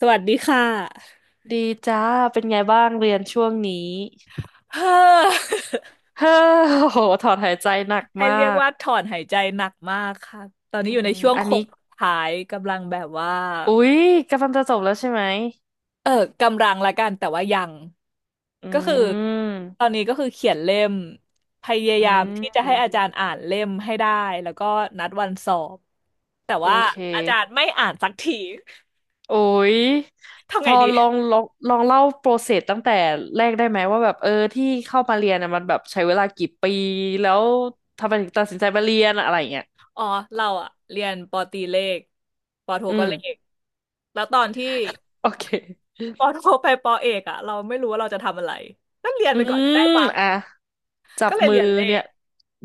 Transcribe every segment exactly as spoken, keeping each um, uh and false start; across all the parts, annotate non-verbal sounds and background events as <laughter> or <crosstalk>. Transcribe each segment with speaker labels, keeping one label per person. Speaker 1: สวัสดีค่ะ
Speaker 2: ดีจ้า เป็นไงบ้างเรียนช่วงนี้
Speaker 1: เฮ้อ
Speaker 2: เฮ้อโอ้โหถอนหายใจหนัก
Speaker 1: <laughs> ให้
Speaker 2: มา
Speaker 1: เรียก
Speaker 2: ก
Speaker 1: ว่าถอนหายใจหนักมากค่ะตอนนี้
Speaker 2: อื
Speaker 1: อยู่ใน
Speaker 2: ม
Speaker 1: ช่วง
Speaker 2: อัน
Speaker 1: โค้
Speaker 2: นี้
Speaker 1: งสุดท้ายกำลังแบบว่า
Speaker 2: อุ๊ยกำลังจะจบแล้วใช่ไหม
Speaker 1: เออกำลังละกันแต่ว่ายัง
Speaker 2: อื
Speaker 1: ก็คือตอ
Speaker 2: ม
Speaker 1: นนี้ก็คือเขียนเล่มพยา
Speaker 2: อื
Speaker 1: ยาม
Speaker 2: ม
Speaker 1: ที่จะให้อาจารย์อ่านเล่มให้ได้แล้วก็นัดวันสอบแต่
Speaker 2: โอ
Speaker 1: ว่า
Speaker 2: เค
Speaker 1: อาจารย์ไม่อ่านสักที <laughs>
Speaker 2: โอ้ย
Speaker 1: ทำ
Speaker 2: พ
Speaker 1: ไง
Speaker 2: อ
Speaker 1: ดี
Speaker 2: ลองลองลองเล่าโปรเซสตั้งแต่แรกได้ไหมว่าแบบเออที่เข้ามาเรียนน่ะมันแบบใช้เวลากี่ปี แล้วทำไมถึงตัดสินใจมาเรียนอะอะไรอย่างเงี้ย
Speaker 1: อ๋อเราอะเรียนปอตรีเลขปอโท
Speaker 2: อื
Speaker 1: ก็
Speaker 2: ม
Speaker 1: เลขแล้วตอนที่
Speaker 2: โอเค
Speaker 1: ปอโทไปปอเอกอะเราไม่รู้ว่าเราจะทำอะไรก็เรียน
Speaker 2: อื
Speaker 1: ไปก่อนก็ได้
Speaker 2: ม
Speaker 1: มั้ง
Speaker 2: อ่ะ จั
Speaker 1: ก็
Speaker 2: บ
Speaker 1: เลย
Speaker 2: มื
Speaker 1: เรี
Speaker 2: อ
Speaker 1: ยนเล
Speaker 2: เนี่ย
Speaker 1: ข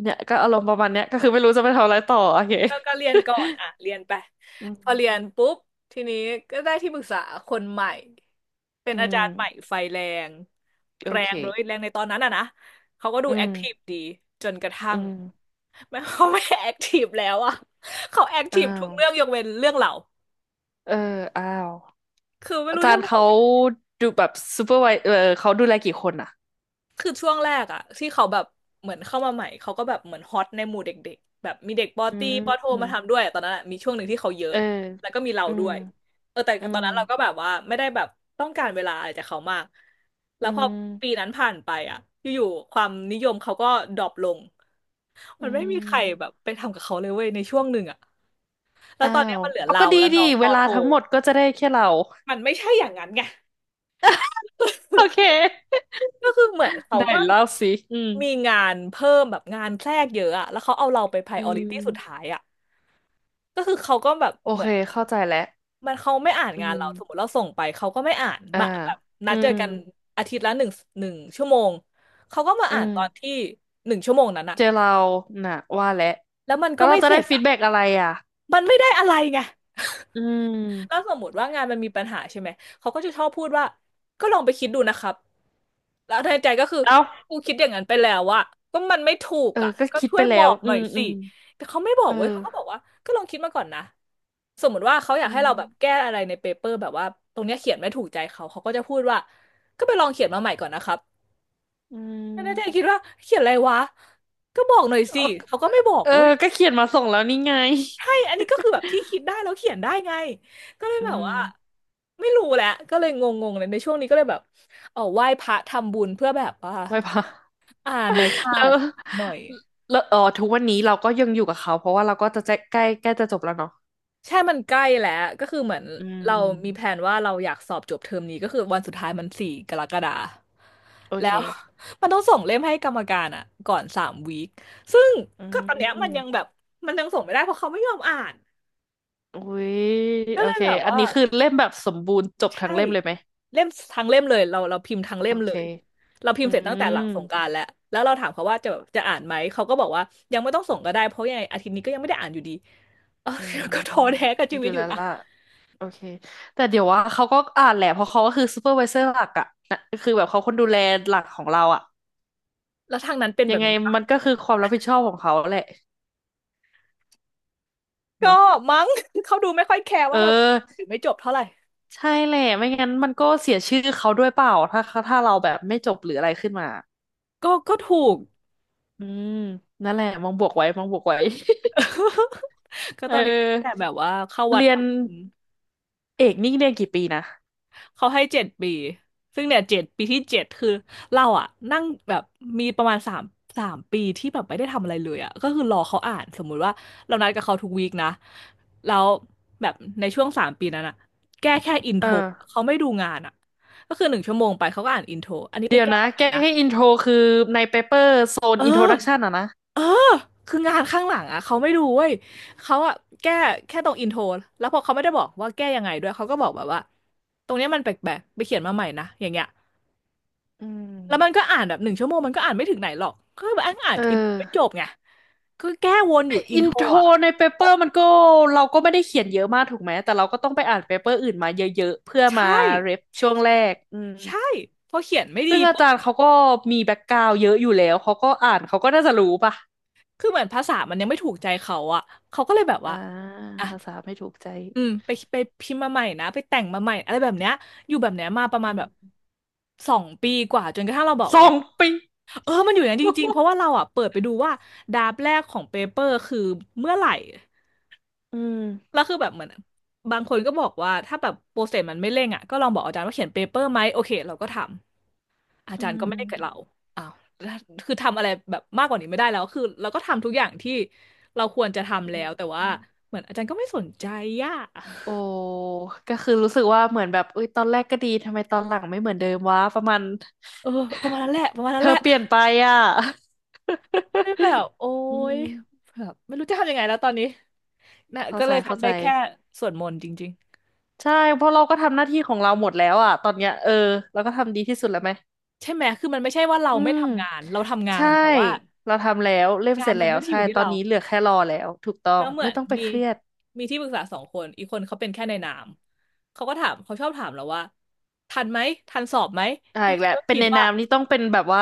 Speaker 2: เนี่ยก็อารมณ์ประมาณเนี้ยก็คือไม่รู้จะไปทำอะไรต่อโอเค
Speaker 1: ก็ก็เรียนก่อนอะเรียนไป
Speaker 2: อื
Speaker 1: พอเรีย
Speaker 2: ม
Speaker 1: นปุ๊บทีนี้ก็ได้ที่ปรึกษาคนใหม่เป็น
Speaker 2: อื
Speaker 1: อาจารย์ใหม่
Speaker 2: ม
Speaker 1: ไฟแรง
Speaker 2: โอ
Speaker 1: แร
Speaker 2: เค
Speaker 1: งเลยแรงในตอนนั้นอะนะเขาก็ดู
Speaker 2: อื
Speaker 1: แอ
Speaker 2: ม
Speaker 1: คทีฟดีจนกระทั่
Speaker 2: อื
Speaker 1: ง
Speaker 2: ม
Speaker 1: <laughs> ไม่เขาไม่แอคทีฟแล้วอะเขาแอคที
Speaker 2: อ้า
Speaker 1: ฟทุก
Speaker 2: ว
Speaker 1: เรื่องยกเว้นเรื่องเรา
Speaker 2: เอออ้าว
Speaker 1: คือไม่
Speaker 2: อา
Speaker 1: รู้
Speaker 2: จา
Speaker 1: จะ
Speaker 2: รย์
Speaker 1: บอก
Speaker 2: เขาดูแบบซูเปอร์ไวเออเขาดูแลกี่คนอ่ะ
Speaker 1: คือช่วงแรกอะที่เขาแบบเหมือนเข้ามาใหม่เขาก็แบบเหมือนฮอตในหมู่เด็กๆแบบมีเด็กปอ
Speaker 2: อื
Speaker 1: ตีปอโทมา
Speaker 2: ม
Speaker 1: ทำด้วยตอนนั้นอะมีช่วงหนึ่งที่เขาเย
Speaker 2: เอ
Speaker 1: อะ
Speaker 2: อ
Speaker 1: แล้วก็มีเรา
Speaker 2: อื
Speaker 1: ด้
Speaker 2: ม
Speaker 1: วยเออแต่
Speaker 2: อื
Speaker 1: ตอ
Speaker 2: ม
Speaker 1: นนั้นเราก็แบบว่าไม่ได้แบบต้องการเวลาอะไรจากเขามากแล้
Speaker 2: อื
Speaker 1: วพอปี
Speaker 2: ม
Speaker 1: นั้นผ่านไปอะอยู่ๆความนิยมเขาก็ดรอปลง
Speaker 2: อื
Speaker 1: มันไม่มีใครแบ
Speaker 2: ม
Speaker 1: บไปทำกับเขาเลยเว้ยในช่วงหนึ่งอะแล้ว
Speaker 2: อ้า
Speaker 1: ตอนเนี้ย
Speaker 2: ว
Speaker 1: มันเหลือ
Speaker 2: เอา
Speaker 1: เรา
Speaker 2: ก็ดี
Speaker 1: แล้ว
Speaker 2: ดี
Speaker 1: น้องป
Speaker 2: เว
Speaker 1: อ
Speaker 2: ลา
Speaker 1: โท
Speaker 2: ทั้งหมดก็จะได้แค่เรา
Speaker 1: มันไม่ใช่อย่างนั้นไง
Speaker 2: โอเค
Speaker 1: <laughs>
Speaker 2: <laughs>
Speaker 1: ก็คือเหมือนเขา
Speaker 2: ได้
Speaker 1: ก็
Speaker 2: เล่าสิอืม
Speaker 1: มีงานเพิ่มแบบงานแทรกเยอะอะแล้วเขาเอาเราไป
Speaker 2: อื
Speaker 1: priority สุด
Speaker 2: ม
Speaker 1: ท้ายอะก็คือเขาก็แบบ
Speaker 2: โอ
Speaker 1: เหมื
Speaker 2: เค
Speaker 1: อน
Speaker 2: เข้าใจแล้ว
Speaker 1: มันเขาไม่อ่าน
Speaker 2: อื
Speaker 1: งานเราสมมติ
Speaker 2: ม
Speaker 1: เราส่งไปเขาก็ไม่อ่าน
Speaker 2: อ่า
Speaker 1: มาแบบนั
Speaker 2: อื
Speaker 1: ดเจอ
Speaker 2: ม
Speaker 1: กันอาทิตย์ละหนึ่งหนึ่งชั่วโมงเขาก็มา
Speaker 2: อื
Speaker 1: อ่าน
Speaker 2: ม
Speaker 1: ตอนที่หนึ่งชั่วโมงนั้นอะ
Speaker 2: เจอเราน่ะว่าแล้ว
Speaker 1: แล้วมัน
Speaker 2: แล้
Speaker 1: ก็
Speaker 2: วเรา
Speaker 1: ไม่
Speaker 2: จะ
Speaker 1: เส
Speaker 2: ได้
Speaker 1: ร็จ
Speaker 2: ฟี
Speaker 1: อะ
Speaker 2: ดแบ็กอะไรอ่ะ
Speaker 1: มันไม่ได้อะไรไง
Speaker 2: อื
Speaker 1: ถ้า
Speaker 2: ม
Speaker 1: สมมติว่างานมันมีปัญหาใช่ไหมเขาก็จะชอบพูดว่าก็ลองไปคิดดูนะครับแล้วในใจก็คือ
Speaker 2: เอ้า
Speaker 1: กูคิดอย่างนั้นไปแล้วอะก็มันไม่ถูก
Speaker 2: เออ
Speaker 1: อะ
Speaker 2: ก็
Speaker 1: ก็
Speaker 2: คิด
Speaker 1: ช่
Speaker 2: ไป
Speaker 1: วยบ
Speaker 2: แล้
Speaker 1: อ
Speaker 2: ว
Speaker 1: กห
Speaker 2: อื
Speaker 1: น่อย
Speaker 2: มอื
Speaker 1: สิ
Speaker 2: ม
Speaker 1: แต่เขาไม่บอ
Speaker 2: เอ
Speaker 1: ก
Speaker 2: อ
Speaker 1: เว้ยเขาก็บอกว่าก็ลองคิดมาก่อนนะสมมติว่าเขาอยา
Speaker 2: อื
Speaker 1: กให้
Speaker 2: ม
Speaker 1: เราแบบแก้อะไรในเปเปอร์แบบว่าตรงเนี้ยเขียนไม่ถูกใจเขาเขาก็จะพูดว่าก็ไปลองเขียนมาใหม่ก่อนนะครับ
Speaker 2: อื
Speaker 1: ในใจคิด
Speaker 2: ม
Speaker 1: ว่าเขียนอะไรวะก็บอกหน่อยสิ
Speaker 2: เอา
Speaker 1: เขาก็ไม่บอก
Speaker 2: เออ
Speaker 1: เว้ย
Speaker 2: ก็เขียนมาส่งแล้วนี่ไง
Speaker 1: ใช่อันนี้ก็คือแบบที่คิดได้แล้วเขียนได้ไงก็เลย
Speaker 2: อื
Speaker 1: แบบ
Speaker 2: ม
Speaker 1: ว่า ไม่รู้แหละก็เลยงงๆเลยในช่วงนี้ก็เลยแบบเออไหว้พระทำบุญเพื่อแบบว่า
Speaker 2: ไว้ <laughs> พะ
Speaker 1: อ่านหน่อยค่ะ
Speaker 2: แล้ว
Speaker 1: หน่อย
Speaker 2: แล้วเออทุกวันนี้เราก็ยังอยู่กับเขาเพราะว่าเราก็จะใกล้ใกล้ใกล้จะจบแล้วเนาะ
Speaker 1: ใช่มันใกล้แล้วก็คือเหมือน
Speaker 2: อื
Speaker 1: เรามมีแผ
Speaker 2: ม
Speaker 1: นว่าเราอยากสอบจบเทอมนี้ก็คือวันสุดท้ายมันสี่กรกฎา
Speaker 2: โอ
Speaker 1: แล้
Speaker 2: เค
Speaker 1: ว <laughs> มันต้องส่งเล่มให้กรรมการอ่ะก่อนสามวีคซึ่ง
Speaker 2: อื
Speaker 1: ก็ตอนเนี้ยมันยังแบ
Speaker 2: ม
Speaker 1: บมันยังส่งไม่ได้เพราะเขาไม่ยอมอ่าน
Speaker 2: อุ้ย
Speaker 1: ก็
Speaker 2: โอ
Speaker 1: เลย
Speaker 2: เค
Speaker 1: แบบ
Speaker 2: อัน
Speaker 1: ว่า
Speaker 2: นี้คือเล่มแบบสมบูรณ์จบทั้
Speaker 1: ใช่
Speaker 2: งเล่มเลยไหม
Speaker 1: เล่มทั้งเล่มเลยเราเราพิมพ์ทั้งเล่
Speaker 2: โอ
Speaker 1: มเล
Speaker 2: เค
Speaker 1: ยเราพิม
Speaker 2: อื
Speaker 1: พ์เสร็จตั้งแต่ห
Speaker 2: ม
Speaker 1: ลังสงกรานต์แล้วแล้วเราถามเขาว่าจะจะอ่านไหมเขาก็บอกว่ายังไม่ต้องส่งก็ได้เพราะยังไงอาทิตย์นี้ก็ยังไม่ได้อ่านอยู่ดีเออ
Speaker 2: อื
Speaker 1: ก็ท้อแท้
Speaker 2: ม
Speaker 1: กับชี
Speaker 2: อ
Speaker 1: วิ
Speaker 2: ยู่
Speaker 1: ตอ
Speaker 2: แล้
Speaker 1: ยู่
Speaker 2: ว
Speaker 1: นะ
Speaker 2: ล่ะ โอเค แต่เดี๋ยวว่าเขาก็อ่านแหละเพราะเขาก็คือซูเปอร์ไวเซอร์หลักอะนะคือแบบเขาคนดูแลหลักของเราอะ
Speaker 1: แล้วทางนั้นเป็น
Speaker 2: ยั
Speaker 1: แบ
Speaker 2: ง
Speaker 1: บ
Speaker 2: ไง
Speaker 1: นี้ปะ
Speaker 2: มันก็คือความรับผิดชอบของเขาแหละ
Speaker 1: ก็
Speaker 2: เนาะ
Speaker 1: มั้ง <laughs> เขาดูไม่ค่อยแคร์
Speaker 2: เอ
Speaker 1: ว่าเราจะหรื
Speaker 2: อ
Speaker 1: อไม่จบเท่าไหร่
Speaker 2: ใช่แหละไม่งั้นมันก็เสียชื่อเขาด้วยเปล่าถ้าถ้าเราแบบไม่จบหรืออะไรขึ้นมา
Speaker 1: ก็ก็ถูก
Speaker 2: อืมนั่นแหละมองบวกไว้มองบวกไว้
Speaker 1: <laughs> ก็
Speaker 2: <laughs>
Speaker 1: ต
Speaker 2: เอ
Speaker 1: อนนี้แต่
Speaker 2: อ
Speaker 1: แบบว่าเข้าวัด
Speaker 2: เรียน
Speaker 1: ทำบุญ
Speaker 2: เอกนี่เรียนกี่ปีนะ
Speaker 1: เขาให้เจ็ดปี ซึ่งเนี่ยเจ็ดปีที่เจ็ดคือเราอะนั่งแบบมีประมาณสามสามปีที่แบบไม่ได้ทำอะไรเลยอะก็คือรอเขาอ่านสมมุติว่าเรานัดกับเขาทุกวีคนะแล้วแบบในช่วงสามปีนั้นอะแก้แค่อิน
Speaker 2: เ
Speaker 1: โทร
Speaker 2: ออ
Speaker 1: เขาไม่ดูงานอะก็คือหนึ่งชั่วโมงไปเขาก็อ่านอินโทรอันนี้ไป
Speaker 2: เดี๋ยว
Speaker 1: แก้
Speaker 2: นะ
Speaker 1: มาใหม่
Speaker 2: แก้
Speaker 1: นะ
Speaker 2: ให้อินโทรคือในเปเปอร์โซน
Speaker 1: เอ
Speaker 2: อินโทรดักชัน
Speaker 1: อ
Speaker 2: อะนะ
Speaker 1: เออคืองานข้างหลังอะเขาไม่ดูเว้ยเขาอะแก้แค่ตรงอินโทรแล้วพอเขาไม่ได้บอกว่าแก้ยังไงด้วยเขาก็บอกแบบว่าตรงเนี้ยมันแปลกๆไปเขียนมาใหม่นะอย่างเงี้ย
Speaker 2: อืม
Speaker 1: แล้วมันก็อ่านแบบหนึ่งชั่วโมงมันก็อ่านไม่ถึงไหนหรอกก็แบบอ่านอ่า
Speaker 2: เ
Speaker 1: นอินไม่จ
Speaker 2: ออ
Speaker 1: บไงคือแก้วนอยู่อิ
Speaker 2: อิ
Speaker 1: นโท
Speaker 2: น
Speaker 1: ร
Speaker 2: โทร
Speaker 1: อ่ะ
Speaker 2: ในเปเปอร์มันก็เราก็ไม่ได้เขียนเยอะมากถูกไหมแต่เราก็ต้องไปอ่านเปเปอร์อื่นมาเยอะๆเพื่อมา
Speaker 1: ใช่
Speaker 2: เรฟช่วงแรกอืม
Speaker 1: ใช่พอเขียนไม่ดี
Speaker 2: ซึ่งอา
Speaker 1: ปุ๊บ
Speaker 2: จารย์เขาก็มีแบ็กกราวด์เยอะอยู่แล้วเขาก็อ่านเขาก็น่าจะรู้ป่ะ
Speaker 1: คือเหมือนภาษามันยังไม่ถูกใจเขาอ่ะเขาก็เลยแบบ
Speaker 2: อ่า
Speaker 1: ว่าอ่ะ
Speaker 2: ภาษาไม่ถูกใจ
Speaker 1: อืมไปไปพิมพ์มาใหม่นะไปแต่งมาใหม่อะไรแบบเนี้ยอยู่แบบเนี้ยมาประมาณ
Speaker 2: อื
Speaker 1: แบบ
Speaker 2: ม
Speaker 1: สองปีกว่าจนกระทั่งเราบอก
Speaker 2: ส
Speaker 1: ว่า
Speaker 2: องปี
Speaker 1: เออ มันอยู่อย่างนั้นจริงๆ เพราะว่าเราอ่ะเปิดไปดูว่าดาบแรกของเปเปอร์คือเมื่อไหร่
Speaker 2: อืม
Speaker 1: แล้วคือแบบเหมือนบางคนก็บอกว่าถ้าแบบโปรเซสมันไม่เร่งอ่ะก็ลองบอกอาจารย์ว่าเขียนเปเปอร์ไหมโอเคเราก็ทำอา
Speaker 2: อื
Speaker 1: จารย์ก็ไม่ได้เกิดเรา
Speaker 2: ม
Speaker 1: อ้าวแล้วคือทำอะไรแบบมากกว่านี้ไม่ได้แล้วคือเราก็ทำทุกอย่างที่เราควรจะ
Speaker 2: อื
Speaker 1: ทำแล้
Speaker 2: ม
Speaker 1: วแต่
Speaker 2: อื
Speaker 1: ว่า
Speaker 2: ม
Speaker 1: เหมือนอาจารย์ก็ไม่สนใจอ่ะ
Speaker 2: โอ้ก็คือรู้สึกว่าเหมือนแบบเอุ้ยตอนแรกก็ดีทำไมตอนหลังไม่เหมือนเดิมวะประมาณ
Speaker 1: เออประมาณนั้นแหละประมาณ
Speaker 2: เธ
Speaker 1: นั้น
Speaker 2: อ
Speaker 1: แหละ
Speaker 2: เปลี่ยนไปอ่ะ
Speaker 1: ไม่แบบโอ๊
Speaker 2: <laughs> อื
Speaker 1: ย
Speaker 2: ม
Speaker 1: แบบไม่รู้จะทำยังไงแล้วตอนนี้นะ
Speaker 2: เข้า
Speaker 1: ก็
Speaker 2: ใจ
Speaker 1: เลย
Speaker 2: เข้า
Speaker 1: ทำได้
Speaker 2: ใจ
Speaker 1: แค่สวดมนต์จริง
Speaker 2: ใช่เพราะเราก็ทำหน้าที่ของเราหมดแล้วอ่ะตอนเนี้ยเออเราก็ทำดีที่สุดแล้วไหม
Speaker 1: ๆใช่ไหมคือมันไม่ใช่ว่าเรา
Speaker 2: อื
Speaker 1: ไม่
Speaker 2: ม
Speaker 1: ทำงานเราทำงาน
Speaker 2: ใช่
Speaker 1: แต่ว่า
Speaker 2: เราทำแล้วเล่ม
Speaker 1: งา
Speaker 2: เส
Speaker 1: น
Speaker 2: ร็จ
Speaker 1: มั
Speaker 2: แล้
Speaker 1: น
Speaker 2: ว
Speaker 1: ไม่ได้อ
Speaker 2: ใช่
Speaker 1: ยู่ที่
Speaker 2: ตอน
Speaker 1: เรา
Speaker 2: นี้เหลือแค่รอแล้วถูกต้อ
Speaker 1: แล้
Speaker 2: ง
Speaker 1: วเหมือ
Speaker 2: ไม่
Speaker 1: น
Speaker 2: ต้องไป
Speaker 1: มี
Speaker 2: เครียด
Speaker 1: มีที่ปรึกษาสองคนอีกคนเขาเป็นแค่ในนามเขาก็ถามเขาชอบถามเราว่าทันไหมทันสอบไหม
Speaker 2: อ่า
Speaker 1: ใน
Speaker 2: อีก
Speaker 1: ที
Speaker 2: แล้ว
Speaker 1: ก็
Speaker 2: เป็น
Speaker 1: คิด
Speaker 2: ในนา
Speaker 1: ว่า
Speaker 2: มนี่ต้องเป็นแบบว่า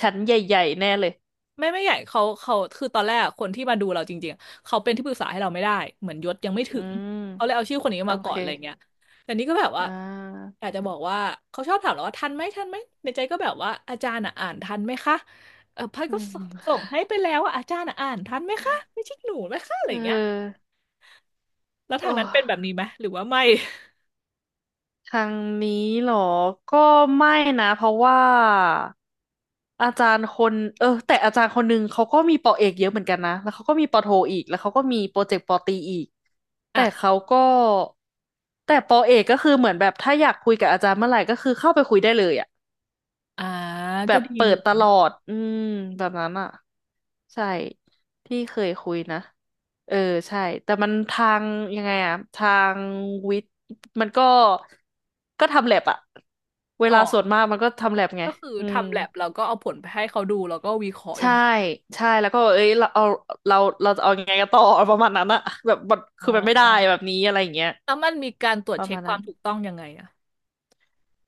Speaker 2: ชั้นใหญ่ๆแน่เลย
Speaker 1: ไม่ไม่ใหญ่เขาเขาคือตอนแรกอะคนที่มาดูเราจริงๆอะเขาเป็นที่ปรึกษาให้เราไม่ได้เหมือนยศยังไม่
Speaker 2: อื
Speaker 1: ถึง
Speaker 2: ม
Speaker 1: เขาเลยเอาชื่อคนนี้
Speaker 2: โอ
Speaker 1: มาก่อ
Speaker 2: เค
Speaker 1: นอะไรเงี้ยแต่นี่ก็แบบว่า
Speaker 2: อ่า
Speaker 1: อยากจะบอกว่าเขาชอบถามเราว่าทันไหมทันไหมในใจก็แบบว่าอาจารย์อ่ะอ่านทันไหมคะเออพัด
Speaker 2: อื
Speaker 1: ก็
Speaker 2: ม
Speaker 1: สส่งให้ไปแล้วอ่ะอาจารย์อ่ะอ่านทันไหมคะไม่ใช่หนูไหมคะอะ
Speaker 2: เ
Speaker 1: ไรเงี้ย
Speaker 2: ออ
Speaker 1: แล้ว
Speaker 2: โอ
Speaker 1: ทางนั้นเป็นแบบ
Speaker 2: ้
Speaker 1: นี้ไหมหรือว่าไม่
Speaker 2: ทางนี้เหรอ ก็ไม่นะเพราะว่าอาจารย์คนเออแต่อาจารย์คนหนึ่งเขาก็มีปอเอกเยอะเหมือนกันนะแล้วเขาก็มีปอโทอีกแล้วเขาก็มีโปรเจกต์ปอตรีอีก
Speaker 1: อ่ะ
Speaker 2: แต่เขาก็แต่ปอเอกก็คือเหมือนแบบถ้าอยากคุยกับอาจารย์เมื่อไหร่ก็คือเข้าไปคุยได้เลยอะ
Speaker 1: อ่า
Speaker 2: แบ
Speaker 1: ก็
Speaker 2: บ
Speaker 1: ดี
Speaker 2: เปิ
Speaker 1: อยู่
Speaker 2: ดต
Speaker 1: นะ
Speaker 2: ลอด อืมแบบนั้นอ่ะใช่ที่เคยคุยนะเออใช่แต่มันทางยังไงอะทางวิทย์มันก็ก็ทำแลบอะเว
Speaker 1: อ๋อ
Speaker 2: ลาส่วนมากมันก็ทำแลบไง
Speaker 1: ก็คือ
Speaker 2: อืม
Speaker 1: ทำแลบแล้วก็เอาผลไปให้เขาดูแล้วก็วิเคราะห์อ
Speaker 2: ใช่
Speaker 1: ย่างนี้
Speaker 2: ใช่แล้วก็เอ้ยเราเอาเราเราจะเอายังไงกันต่อประมาณนั้นอะแบบมัน
Speaker 1: อ๋
Speaker 2: คือมันไม่ได้แบ
Speaker 1: อ
Speaker 2: บนี้อะไรอย่างเงี้ย
Speaker 1: แล้วมันมีการตรวจ
Speaker 2: ประ
Speaker 1: เช็ค
Speaker 2: มาณ
Speaker 1: ค
Speaker 2: นั้
Speaker 1: วาม
Speaker 2: น
Speaker 1: ถูกต้องยังไงอะ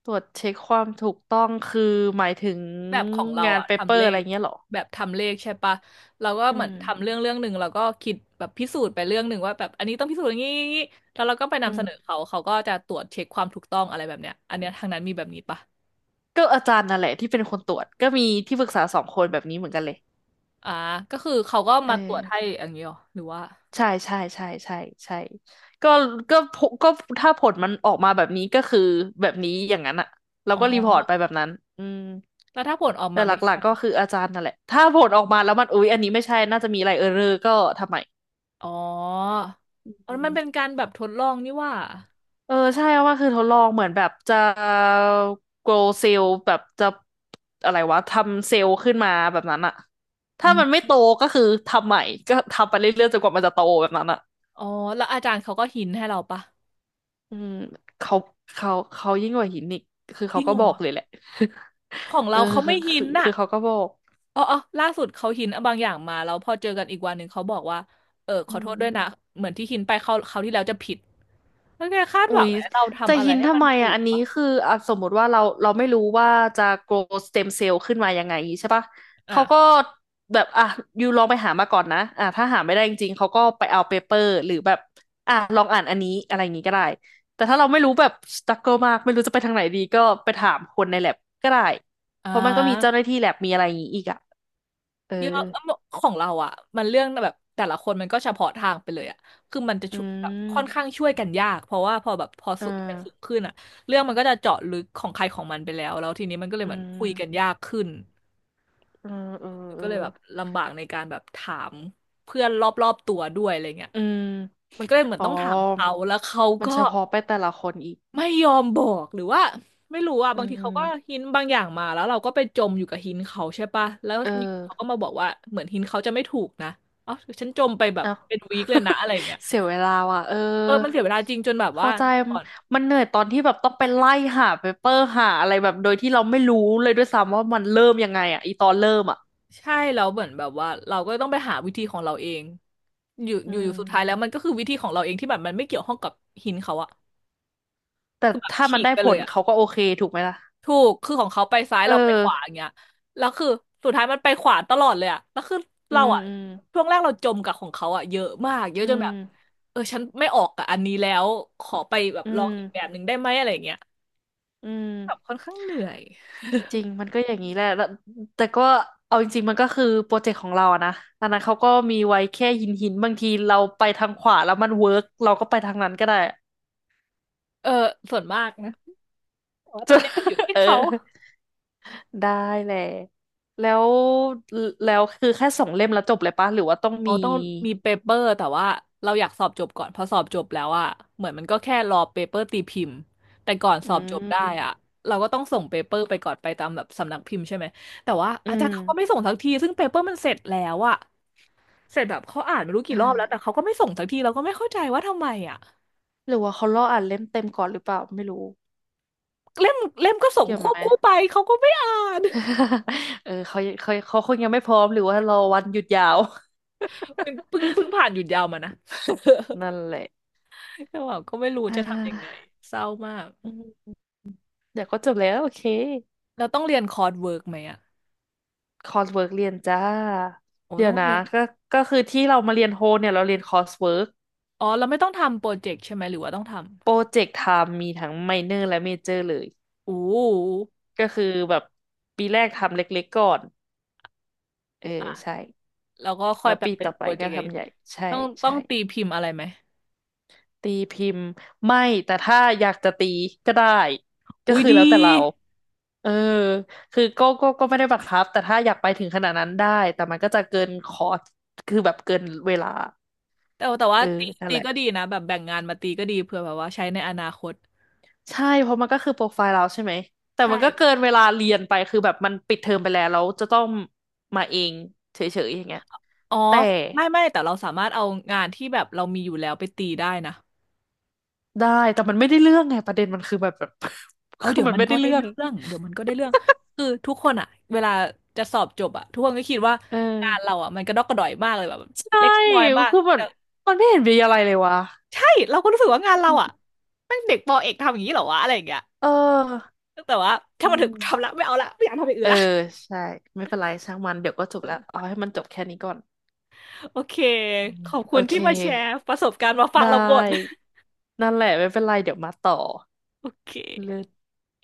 Speaker 2: ตรวจเช็คความถูกต้องคือหมายถึง
Speaker 1: แบบของเรา
Speaker 2: งาน
Speaker 1: อะ
Speaker 2: เปเป
Speaker 1: ทำ
Speaker 2: อ
Speaker 1: เล
Speaker 2: ร์อะไร
Speaker 1: ข
Speaker 2: เงี้ยเหรอ
Speaker 1: แบบทำเลขใช่ปะเราก็
Speaker 2: อื
Speaker 1: เหมือนทำ
Speaker 2: ม
Speaker 1: เรื่องเรื่องหนึ่งแล้วก็คิดแบบพิสูจน์ไปเรื่องหนึ่งว่าแบบอันนี้ต้องพิสูจน์อย่างนี้อย่างนี้แล้วเราก็ไป
Speaker 2: อื
Speaker 1: นำเสนอ
Speaker 2: ม
Speaker 1: เขาเขาก็จะตรวจเช็คความถูกต้องอะไรแบบเนี้ยอันเนี้ยทางนั้นมีแบบนี้ปะ
Speaker 2: ก็อาจารย์นั่นแหละที่เป็นคนตรวจก็มีที่ปรึกษาสองคนแบบนี้เหมือนกันเลย
Speaker 1: อ่าก็คือเขาก็
Speaker 2: เออ
Speaker 1: มาตรวจให้อย่างนี้หรอหรือว่า
Speaker 2: ใช่ใช่ใช่ใช่ใช่ก็ก็ผก็ถ้าผลมันออกมาแบบนี้ก็คือแบบนี้อย่างนั้นอะเรา
Speaker 1: อ๋อ
Speaker 2: ก็รีพอร์ตไปแบบนั้นอืม
Speaker 1: แล้วถ้าผลออก
Speaker 2: แต่
Speaker 1: มา
Speaker 2: ห
Speaker 1: ไม่
Speaker 2: ลัก
Speaker 1: ใช่
Speaker 2: ๆก็คืออาจารย์นั่นแหละถ้าผลออกมาแล้วมันอุ๊ยอันนี้ไม่ใช่น่าจะมีอะไรเออร์เรอร์ก็ทำไม
Speaker 1: อ๋ออ๋อ
Speaker 2: อื
Speaker 1: มันเป็น
Speaker 2: ม
Speaker 1: การแบบทดลองนี่ว่า
Speaker 2: เออใช่ว่าคือทดลองเหมือนแบบจะ grow เซลล์แบบจะอะไรวะทำเซลล์ขึ้นมาแบบนั้นอะ
Speaker 1: อื
Speaker 2: ถ้ามันไม่
Speaker 1: ม
Speaker 2: โตก็คือทำใหม่ก็ทำไปเรื่อยๆจนกว่ามันจะโตแบบนั้นอะ
Speaker 1: อ๋อแล้วอาจารย์เขาก็หินให้เราปะ
Speaker 2: อืมเขาเขาเขายิ่งกว่าหินอีกคือ
Speaker 1: จริ
Speaker 2: เขา
Speaker 1: ง
Speaker 2: ก็
Speaker 1: เหรอ
Speaker 2: บอกเลยแหละ
Speaker 1: ของ
Speaker 2: <laughs> เออ
Speaker 1: เราเขา
Speaker 2: คือ
Speaker 1: ไม่หิ
Speaker 2: คื
Speaker 1: น
Speaker 2: อ
Speaker 1: น่ะ
Speaker 2: คือเขาก็บอก
Speaker 1: อ๋ออ๋อล่าสุดเขาหินบางอย่างมาแล้วพอเจอกันอีกวันหนึ่งเขาบอกว่า เออข
Speaker 2: อื
Speaker 1: อโท
Speaker 2: ม
Speaker 1: ษด้วยนะ เหมือนที่หินไปเขาเขาวที่แล้วจะผิดแล้วแกคาด
Speaker 2: อุ๊
Speaker 1: หวัง
Speaker 2: ย
Speaker 1: ให้เรา
Speaker 2: จะ
Speaker 1: ทำอะไร
Speaker 2: หิน
Speaker 1: ให้
Speaker 2: ทำ
Speaker 1: มัน
Speaker 2: ไม
Speaker 1: ถู
Speaker 2: อ่ะ
Speaker 1: ก
Speaker 2: อันนี้
Speaker 1: ปะ
Speaker 2: คืออ่ะสมมติว่าเราเราไม่รู้ว่าจะ grow stem cell ขึ้นมายังไงใช่ปะ เขาก็
Speaker 1: อ่ะ
Speaker 2: แบบ อ่ะยูลองไปหามาก่อนนะอ่ะถ้าหาไม่ได้จริงๆ เขาก็ไปเอาเปเปอร์หรือแบบ อ่ะ ลองอ่านอันนี้ อะไรอย่างงี้ก็ได้ แต่ถ้าเราไม่รู้แบบ struggle มาก ไม่รู้จะไปทางไหนดี ก็ไปถามคนใน แอล เอ บี ก็ได้
Speaker 1: อ่
Speaker 2: เพราะมันก็มีเจ้าห
Speaker 1: า
Speaker 2: น้าที่ lab มีอะไรอย่างงี้อีกอ่ะ เออ
Speaker 1: เยอะของเราอ่ะมันเรื่องแบบแต่ละคนมันก็เฉพาะทางไปเลยอ่ะคือมันจะ
Speaker 2: อื
Speaker 1: ช่วยแบบค่อนข้าง
Speaker 2: ม
Speaker 1: ช่วยกันยากเพราะว่าพอแบบพอ
Speaker 2: อ่า
Speaker 1: สูงกันสูงขึ้นอ่ะเรื่องมันก็จะเจาะลึกของใครของมันไปแล้วแล้วทีนี้มันก็เลย
Speaker 2: อื
Speaker 1: เหมือนคุยกัน
Speaker 2: ม
Speaker 1: ยากขึ้น
Speaker 2: ออเออ
Speaker 1: มัน
Speaker 2: เอ
Speaker 1: ก็เลย
Speaker 2: อ
Speaker 1: แบบลำบากในการแบบถามเพื่อนรอบๆตัวด้วยอะไรเงี้ย
Speaker 2: อืม
Speaker 1: มันก็เลยเหมือ
Speaker 2: อ๋
Speaker 1: น
Speaker 2: อ
Speaker 1: ต้องถามเขาแล้วเขา
Speaker 2: มัน
Speaker 1: ก็
Speaker 2: เฉพาะไปแต่ละคนอีก
Speaker 1: ไม่ยอมบอกหรือว่าไม่รู้อ่ะ
Speaker 2: อื
Speaker 1: บางทีเขาก็
Speaker 2: ม
Speaker 1: หินบางอย่างมาแล้วเราก็ไปจมอยู่กับหินเขาใช่ปะแล้ว
Speaker 2: เออ
Speaker 1: อยู่เขาก็มาบอกว่าเหมือนหินเขาจะไม่ถูกนะเอ๋อฉันจมไปแบบ
Speaker 2: เอ้า
Speaker 1: เป็นวีคเลยนะ
Speaker 2: <laughs>
Speaker 1: อะไรอย่างเงี้ย
Speaker 2: เสียเวลาว่ะ เออ
Speaker 1: เออมันเสียเวลาจริงจนแบบว่า
Speaker 2: เข้าใจ
Speaker 1: ก่อน
Speaker 2: มันเหนื่อยตอนที่แบบต้องไปไล่หาเปเปอร์หาอะไรแบบโดยที่เราไม่รู้เลยด้วยซ้ำว่ามันเริ่มยังไงอ่ะอีตอนเริ่มอ่ะ
Speaker 1: ใช่แล้วเหมือนแบบว่าเราก็ต้องไปหาวิธีของเราเองอยู่
Speaker 2: อื
Speaker 1: อยู่อยู่สุดท้ายแล้ว
Speaker 2: ม
Speaker 1: มันก็คือวิธีของเราเองที่แบบมันไม่เกี่ยวข้องกับหินเขาอะ
Speaker 2: แต่
Speaker 1: คือแบบ
Speaker 2: ถ้า
Speaker 1: ฉี
Speaker 2: มัน
Speaker 1: ก
Speaker 2: ได้
Speaker 1: ไป
Speaker 2: ผ
Speaker 1: เลย
Speaker 2: ล
Speaker 1: อะ
Speaker 2: เขาก็โอเคถูกไหมล่ะ
Speaker 1: ถูกคือของเขาไปซ้าย
Speaker 2: เอ
Speaker 1: เรา
Speaker 2: อ
Speaker 1: ไปขวาอย่างเงี้ยแล้วคือสุดท้ายมันไปขวาตลอดเลยอะแล้วคือ
Speaker 2: อื
Speaker 1: เรา
Speaker 2: ม
Speaker 1: อะ
Speaker 2: อืม
Speaker 1: ช่วงแรกเราจมกับของเขาอะเยอะมากเยอะ
Speaker 2: อื
Speaker 1: จนแบ
Speaker 2: ม
Speaker 1: บเออฉันไม่ออกกับอันนี้แล้วขอไปแบบ
Speaker 2: อื
Speaker 1: ลองอีกแบบ
Speaker 2: ม
Speaker 1: หนึ่งได้ไหมอะไรอย่างเงี้ย
Speaker 2: อื
Speaker 1: แบบ
Speaker 2: ม
Speaker 1: ค่อนข้างเหนื่อย
Speaker 2: จริงมันก็อย่างนี้แหละแล้วแต่ก็เอาจริงๆมันก็คือโปรเจกต์ของเราอะนะอันนั้นเขาก็มีไว้แค่หินหินบางทีเราไปทางขวาแล้วมันเวิร์กเราก็ไปทางนั้นก็ได้
Speaker 1: เออส่วนมากนะแต่ว่าตอ
Speaker 2: จะ
Speaker 1: นเนี้ยมันอยู่
Speaker 2: <laughs>
Speaker 1: ที่
Speaker 2: เออ
Speaker 1: เขา
Speaker 2: ได้แหละแล้วแล้วคือแค่สองเล่มแล้วจบเลยปะหรือว่าต้อง
Speaker 1: อ๋อ
Speaker 2: มี
Speaker 1: ต้องมีเปเปอร์แต่ว่าเราอยากสอบจบก่อนพอสอบจบแล้วอะเหมือนมันก็แค่รอเปเปอร์ตีพิมพ์แต่ก่อนส
Speaker 2: อื
Speaker 1: อบจบได้
Speaker 2: ม
Speaker 1: อะเราก็ต้องส่งเปเปอร์ไปก่อนไปตามแบบสำนักพิมพ์ใช่ไหมแต่ว่า
Speaker 2: อื
Speaker 1: อาจารย์เขาก็ไม่
Speaker 2: ม
Speaker 1: ส่งสักทีซึ่งเปเปอร์มันเสร็จแล้วอะเสร็จแบบเขาอ่านไม่รู้
Speaker 2: อ่
Speaker 1: กี่รอบแล้วแต่
Speaker 2: า
Speaker 1: เขาก็ไม่ส่งสักทีเราก็ไม่เข้าใจว่าทำไมอะ
Speaker 2: หรือว่าเขารออ่านเล่มเต็มก่อนหรือเปล่าไม่รู้
Speaker 1: เล่มเล่มก็ส่ง
Speaker 2: เกี่ยว
Speaker 1: ค
Speaker 2: ไหม
Speaker 1: วบคู่ไปเขาก็ไม่อ่าน
Speaker 2: <laughs> เออเขาเขาเขาคงยังไม่พร้อมหรือว่ารอวันหยุดยาว
Speaker 1: <laughs> เพิ่งเพิ่งผ่านหยุดยาวมานะ
Speaker 2: <laughs> นั่นแหละ
Speaker 1: <laughs> แต่ว่าก็ไม่รู้
Speaker 2: อ่
Speaker 1: จะทำยังไง
Speaker 2: า
Speaker 1: เศร้ามาก
Speaker 2: อืมเดี๋ยวก็จบแล้วโอเค
Speaker 1: เราต้องเรียนคอร์สเวิร์กไหมอะ
Speaker 2: คอร์สเวิร์กเรียนจ้า
Speaker 1: โอ้
Speaker 2: เดี๋ย
Speaker 1: ต้อ
Speaker 2: ว
Speaker 1: ง
Speaker 2: นะ
Speaker 1: เรียน
Speaker 2: ก็ก็คือที่เรามาเรียนโฮเนี่ยเราเรียนคอร์สเวิร์ก
Speaker 1: อ๋อเราไม่ต้องทำโปรเจกต์ใช่ไหมหรือว่าต้องท
Speaker 2: โปรเจกต์ทำมีทั้งไมเนอร์และเมเจอร์เลย
Speaker 1: ำอู้
Speaker 2: ก็คือแบบปีแรกทำเล็กๆก่อนเออใช่
Speaker 1: แล้วก็ค่อ
Speaker 2: แล้
Speaker 1: ย
Speaker 2: ว
Speaker 1: แบบ
Speaker 2: ปี
Speaker 1: เป็น
Speaker 2: ต่อ
Speaker 1: โป
Speaker 2: ไป
Speaker 1: รเจ
Speaker 2: ก็
Speaker 1: กต์ใหญ่างนี้
Speaker 2: ทำใหญ่ใช่
Speaker 1: ต้องต้อ
Speaker 2: ใช่
Speaker 1: งตีพิมพ์อะไรไหม
Speaker 2: ตีพิมพ์ไม่แต่ถ้าอยากจะตีก็ได้ก็
Speaker 1: อุ้ย
Speaker 2: คือแล้
Speaker 1: ดี
Speaker 2: วแต่เราเออคือก็ก็ก็ไม่ได้บังคับแต่ถ้าอยากไปถึงขนาดนั้นได้แต่มันก็จะเกินคอร์สคือแบบเกินเวลา
Speaker 1: แต่แต่
Speaker 2: เอ
Speaker 1: ว่า
Speaker 2: อ
Speaker 1: ตี
Speaker 2: นั่น
Speaker 1: ตี
Speaker 2: แหละ
Speaker 1: ก็ดีนะแบบแบ่งงานมาตีก็ดีเผื่อแบบว่าใช้ในอนาคต
Speaker 2: ใช่เพราะมันก็คือโปรไฟล์เราใช่ไหมแต่
Speaker 1: ใช่
Speaker 2: มันก็เกินเวลาเรียนไปคือแบบมันปิดเทอมไปแล้วแล้วจะต้องมาเองเฉยๆอย่างเงี้ย
Speaker 1: อ๋อ
Speaker 2: แต่
Speaker 1: ไม่ไม่แต่เราสามารถเอางานที่แบบเรามีอยู่แล้วไปตีได้นะ
Speaker 2: ได้แต่มันไม่ได้เรื่องไงประเด็นมันคือแบบ <laughs> แบบ <laughs>
Speaker 1: เอา
Speaker 2: คือ
Speaker 1: เดี๋ยว
Speaker 2: มัน
Speaker 1: มัน
Speaker 2: ไม่
Speaker 1: ก็
Speaker 2: ได้
Speaker 1: ได้
Speaker 2: เรื่อ
Speaker 1: เรื
Speaker 2: ง
Speaker 1: ่องเดี๋ยวมันก็ได้เรื่องคือทุกคนอะเวลาจะสอบจบอะทุกคนก็คิดว่า
Speaker 2: เออ
Speaker 1: งานเราอะมันกระดอกกระดอยมากเลยแบบ
Speaker 2: ใช่
Speaker 1: เล็กน้อยมาก
Speaker 2: คือมัน
Speaker 1: แต่
Speaker 2: มันไม่เห็นมีอะไรเลยวะ
Speaker 1: ใช่เราก็รู้สึกว่างานเรา
Speaker 2: อืม
Speaker 1: อ่ะแม่งเด็กปอเอกทำอย่างนี้เหรอวะอะไรอย่างเงี้ย
Speaker 2: เออ
Speaker 1: แต่ว่าถ้า
Speaker 2: อื
Speaker 1: มันถึงทำ
Speaker 2: ม
Speaker 1: ละไม่เอาละไม่อยากทำอย่าง
Speaker 2: เอ
Speaker 1: อื่
Speaker 2: อ
Speaker 1: นละ
Speaker 2: ใช่ไม่เป็นไรช่างมันเดี๋ยวก็จบแล้วเอาให้มันจบแค่นี้ก่อน
Speaker 1: โอเค
Speaker 2: อืม
Speaker 1: ขอบคุ
Speaker 2: โอ
Speaker 1: ณ
Speaker 2: เค
Speaker 1: ที่มาแชร์ประสบการณ์มาฟั
Speaker 2: ได
Speaker 1: งเราบ่น
Speaker 2: ้นั่นแหละไม่เป็นไรเดี๋ยวมาต่อ
Speaker 1: โอเค
Speaker 2: เลิศ